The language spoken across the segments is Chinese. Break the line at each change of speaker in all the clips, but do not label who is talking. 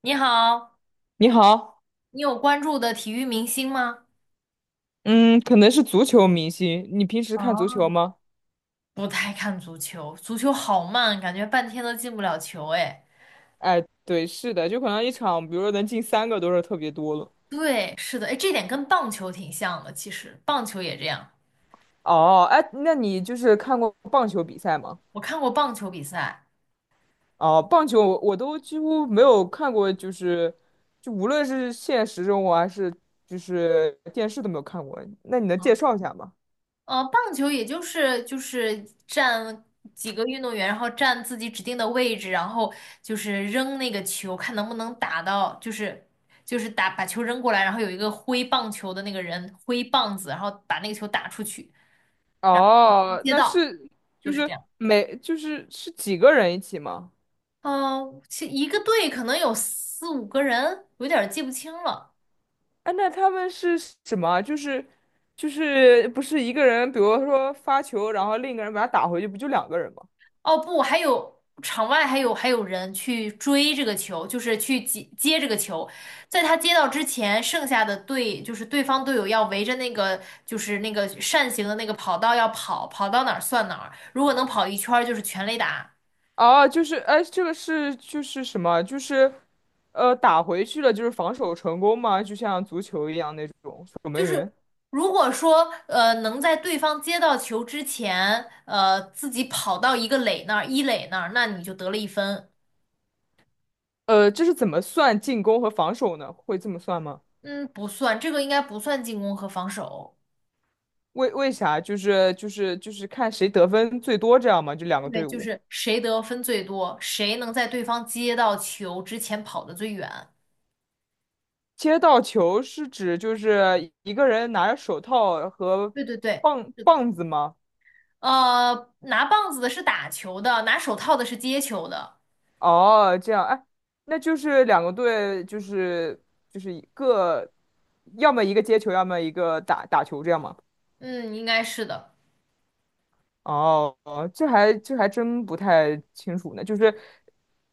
你好，
你好。
你有关注的体育明星吗？
嗯，可能是足球明星。你平时看足球
哦，
吗？
不太看足球，足球好慢，感觉半天都进不了球。哎，
哎，对，是的，就可能一场，比如说能进三个都是特别多了。
对，是的，哎，这点跟棒球挺像的，其实棒球也这样。
哦，哎，那你就是看过棒球比赛吗？
我看过棒球比赛，
哦，棒球我都几乎没有看过，就是无论是现实生活还是就是电视都没有看过。那你能
啊，
介绍一下吗？
棒球也就是站几个运动员，然后站自己指定的位置，然后就是扔那个球，看能不能打到，就是打把球扔过来，然后有一个挥棒球的那个人挥棒子，然后把那个球打出去。
哦，
街
那
道，
是
就
就
是这
是
样。
每就是是几个人一起吗？
嗯，其一个队可能有四五个人，有点儿记不清了。
哎，那他们是什么啊就是不是一个人，比如说发球，然后另一个人把他打回去，不就两个人吗？
哦不，还有场外还有人去追这个球，就是去接这个球，在他接到之前，剩下的队就是对方队友要围着那个就是那个扇形的那个跑道要跑，跑到哪儿算哪儿，如果能跑一圈儿就是全垒打。
哦，就是哎，这个是就是什么？就是打回去了，就是防守成功吗？就像足球一样那种守
就
门
是
员。
如果说能在对方接到球之前，自己跑到一个垒那儿，一垒那儿，那你就得了1分。
呃，这是怎么算进攻和防守呢？会这么算吗？
嗯，不算，这个应该不算进攻和防守。
为啥？就是看谁得分最多这样吗？就两个
对，
队
就
伍。
是谁得分最多，谁能在对方接到球之前跑得最远。
接到球是指就是一个人拿着手套和
对对对，
棒
是的。
棒子吗？
拿棒子的是打球的，拿手套的是接球的。
哦，这样，哎，那就是两个队，就是就是一个，要么一个接球，要么一个打球，这样吗？
嗯，应该是的，
哦，这还真不太清楚呢。就是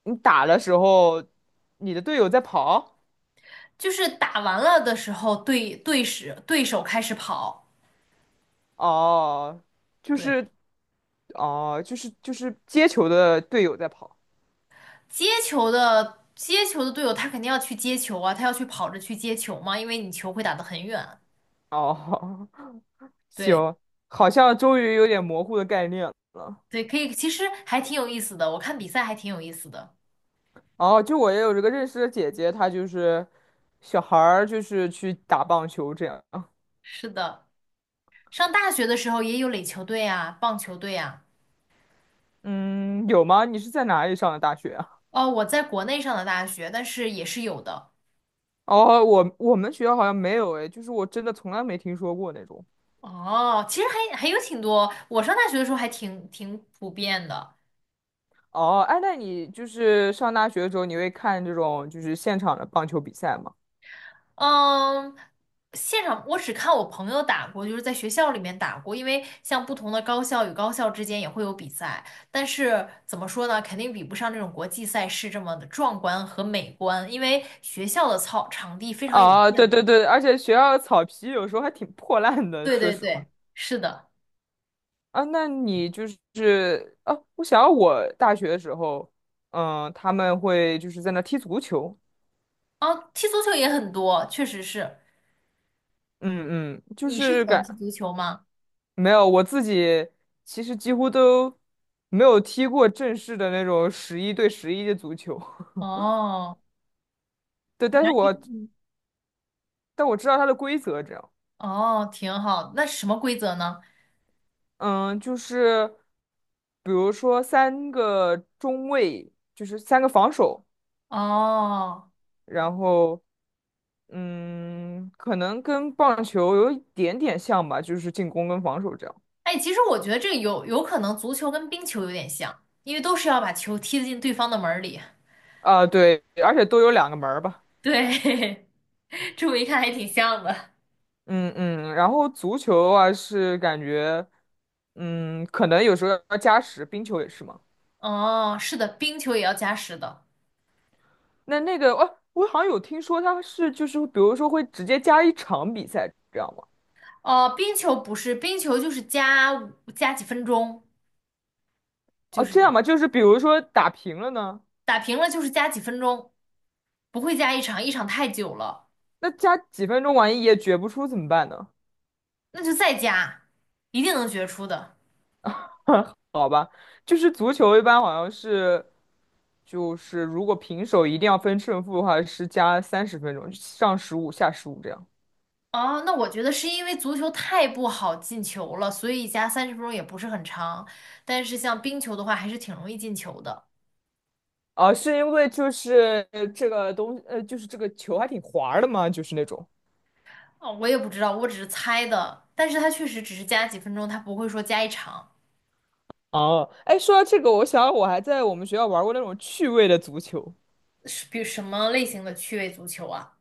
你打的时候，你的队友在跑。
就是打完了的时候，对对时对手开始跑。
哦，就
对。
是哦，就是接球的队友在跑。
接球的队友，他肯定要去接球啊，他要去跑着去接球嘛，因为你球会打得很远。
哦，行，
对
好像终于有点模糊的概念了。
对，可以，其实还挺有意思的，我看比赛还挺有意思的。
哦，就我也有这个认识的姐姐，她就是小孩儿，就是去打棒球这样。
是的，上大学的时候也有垒球队啊，棒球队啊。
嗯，有吗？你是在哪里上的大学啊？
哦，我在国内上的大学，但是也是有的。
哦，我们学校好像没有诶，就是我真的从来没听说过那种。
哦，其实还有挺多，我上大学的时候还挺普遍的。
哦，哎，那你就是上大学的时候，你会看这种就是现场的棒球比赛吗？
嗯，现场我只看我朋友打过，就是在学校里面打过，因为像不同的高校与高校之间也会有比赛，但是怎么说呢，肯定比不上这种国际赛事这么的壮观和美观，因为学校的操场地非常有
啊，对
限嘛。
对对，而且学校的草皮有时候还挺破烂的，
对
说
对
实话。
对，是的。
啊，那你就是啊，我想要我大学的时候，嗯，他们会就是在那踢足球。
哦，踢足球也很多，确实是。
嗯嗯，就
你是喜
是
欢
感，
踢足球吗？
没有，我自己其实几乎都没有踢过正式的那种11对11的足球。
哦，
对，但是我
嗯，
但我知道它的规则，这样。
哦，挺好。那什么规则呢？
嗯，就是比如说三个中卫，就是三个防守，
哦。
然后嗯，可能跟棒球有一点点像吧，就是进攻跟防守这样。
哎，其实我觉得这个有可能足球跟冰球有点像，因为都是要把球踢进对方的门儿里。
啊，对，而且都有两个门儿吧。
对，这么一看还挺像的。
嗯嗯，然后足球的话是感觉，嗯，可能有时候要加时，冰球也是嘛。
哦，是的，冰球也要加时的。
那那个，哦，我好像有听说他是就是比如说会直接加一场比赛这样吗？
哦，冰球不是，冰球就是加五加几分钟，就
哦，
是
这
这
样
样，
吗？就是比如说打平了呢，
打平了就是加几分钟，不会加一场，一场太久了，
那加几分钟万一也决不出怎么办呢？
那就再加，一定能决出的。
好吧，就是足球一般好像是，就是如果平手一定要分胜负的话是加30分钟，上15下15这样。
哦，那我觉得是因为足球太不好进球了，所以加30分钟也不是很长。但是像冰球的话，还是挺容易进球的。
啊，是因为就是这个东，就是这个球还挺滑儿的嘛，就是那种。
哦，我也不知道，我只是猜的。但是它确实只是加几分钟，它不会说加一场。
哦，哎，说到这个，我想我还在我们学校玩过那种趣味的足球。
是比什么类型的趣味足球啊？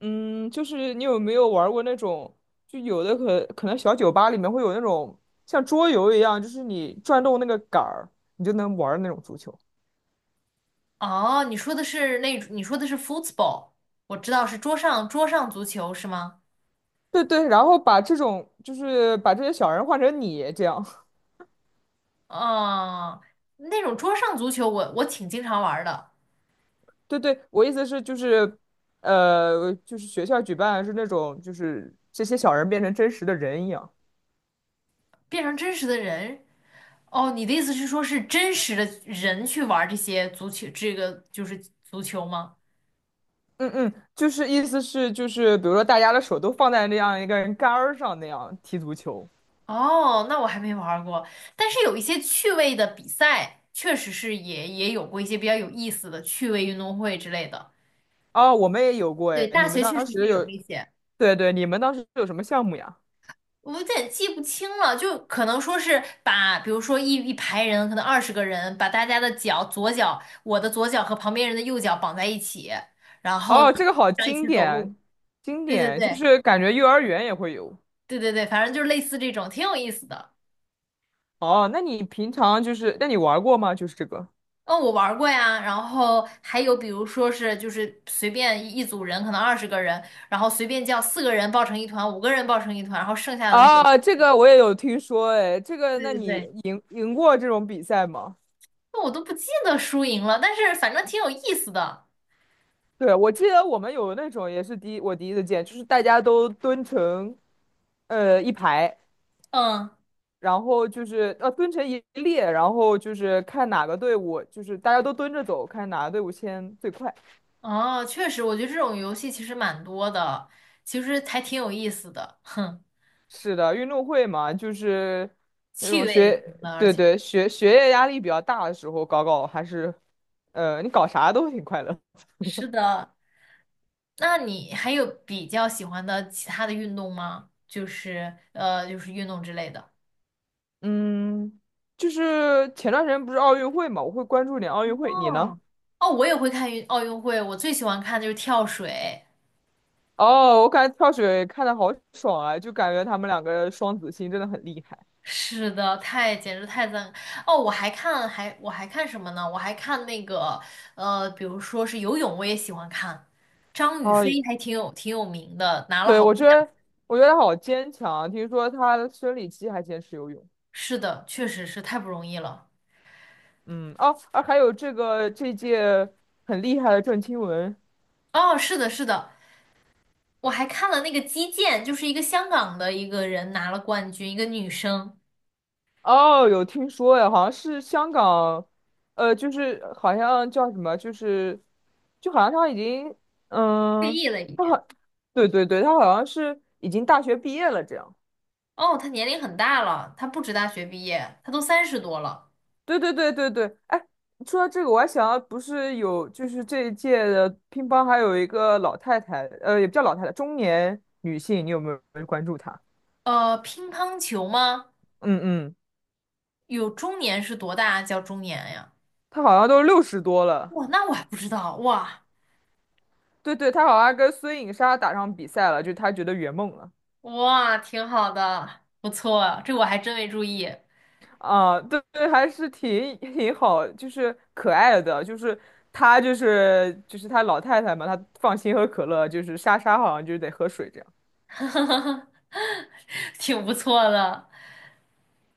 嗯，就是你有没有玩过那种，就有的可能小酒吧里面会有那种像桌游一样，就是你转动那个杆儿，你就能玩儿的那种足球。
哦，你说的是那，你说的是 football，我知道是桌上足球是吗？
对对，然后把这种就是把这些小人换成你这样。
哦，那种桌上足球我挺经常玩儿的，
对对，我意思是就是，就是学校举办是那种，就是这些小人变成真实的人一样。
变成真实的人。哦，你的意思是说，是真实的人去玩这些足球，这个就是足球吗？
嗯嗯，就是意思是就是，比如说大家的手都放在那样一个人杆儿上那样踢足球。
哦，那我还没玩儿过，但是有一些趣味的比赛，确实是也有过一些比较有意思的趣味运动会之类的。
哦，我们也有过
对，
哎，
大
你们
学确
当
实
时
是有
有。
那些，
对对，你们当时有什么项目呀？
我有点记不清了，就可能说是把，比如说一排人，可能二十个人，把大家的脚，左脚，我的左脚和旁边人的右脚绑在一起，然后呢，
哦，这个好
这样一
经
起走路。
典。经
对对
典，就
对。
是感觉幼儿园也会有。
对对对，反正就是类似这种，挺有意思的。
哦，那你平常就是，那你玩过吗？就是这个。
嗯，我玩过呀，然后还有比如说是就是随便一组人，可能二十个人，然后随便叫四个人抱成一团，五个人抱成一团，然后剩下的那个人，
啊，这个我也有听说，哎，这个，
对
那
对
你
对，
赢过这种比赛吗？
那我都不记得输赢了，但是反正挺有意思的。
对，我记得我们有那种也是第一，我第一次见，就是大家都蹲成一排，
嗯，
然后就是蹲成一列，然后就是看哪个队伍，就是大家都蹲着走，看哪个队伍先最快。
哦，确实，我觉得这种游戏其实蛮多的，其实还挺有意思的，哼，
是的，运动会嘛，就是那
趣
种
味
学，
型的，而
对
且
对，学业压力比较大的时候搞搞，还是你搞啥都挺快乐。
是的。那你还有比较喜欢的其他的运动吗？就是就是运动之类的。
嗯，就是前段时间不是奥运会嘛，我会关注点奥运会。你呢？
哦，哦，我也会看奥运会，我最喜欢看的就是跳水。
哦，我感觉跳水看的好爽啊，就感觉他们两个双子星真的很厉害。
是的，太简直太赞！哦，我还看还看什么呢？我还看那个比如说是游泳，我也喜欢看。张雨
哦，
霏还挺有名的，拿了
对，
好多
我觉
奖。
得我觉得他好坚强啊。听说他的生理期还坚持游泳。
是的，确实是太不容易了。
嗯，哦，啊，还有这个这届很厉害的郑钦文。
哦，是的，是的，我还看了那个击剑，就是一个香港的一个人拿了冠军，一个女生
哦，有听说呀，好像是香港，就是好像叫什么，就是就好像他已经，
退
嗯，
役了已
他
经。
好，对对对，他好像是已经大学毕业了这样。
哦，她年龄很大了，她不止大学毕业，她都30多了。
对对对对对，哎，说到这个，我还想到，不是有就是这一届的乒乓还有一个老太太，也不叫老太太，中年女性，你有没有关注她？
乒乓球吗？
嗯嗯，
有中年是多大啊叫中年呀？
她好像都60多了。
哇，那我还不知道。哇
对对，她好像跟孙颖莎打上比赛了，就她觉得圆梦了。
哇，挺好的，不错，这我还真没注意，
啊，对对，还是挺好，就是可爱的，就是她就是就是她老太太嘛，她放心喝可乐，就是莎莎好像就是得喝水这样。
挺不错的。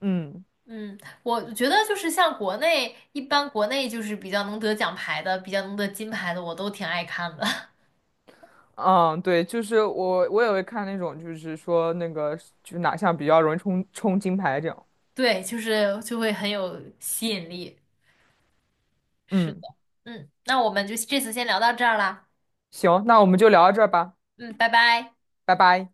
嗯
嗯，我觉得就是像国内，一般国内就是比较能得奖牌的，比较能得金牌的，我都挺爱看的。
嗯，对，就是我也会看那种，就是说那个就是哪项比较容易冲金牌这样。
对，就是就会很有吸引力。是的，
嗯，
嗯，那我们就这次先聊到这儿啦。
行，那我们就聊到这儿吧。
嗯，拜拜。
拜拜。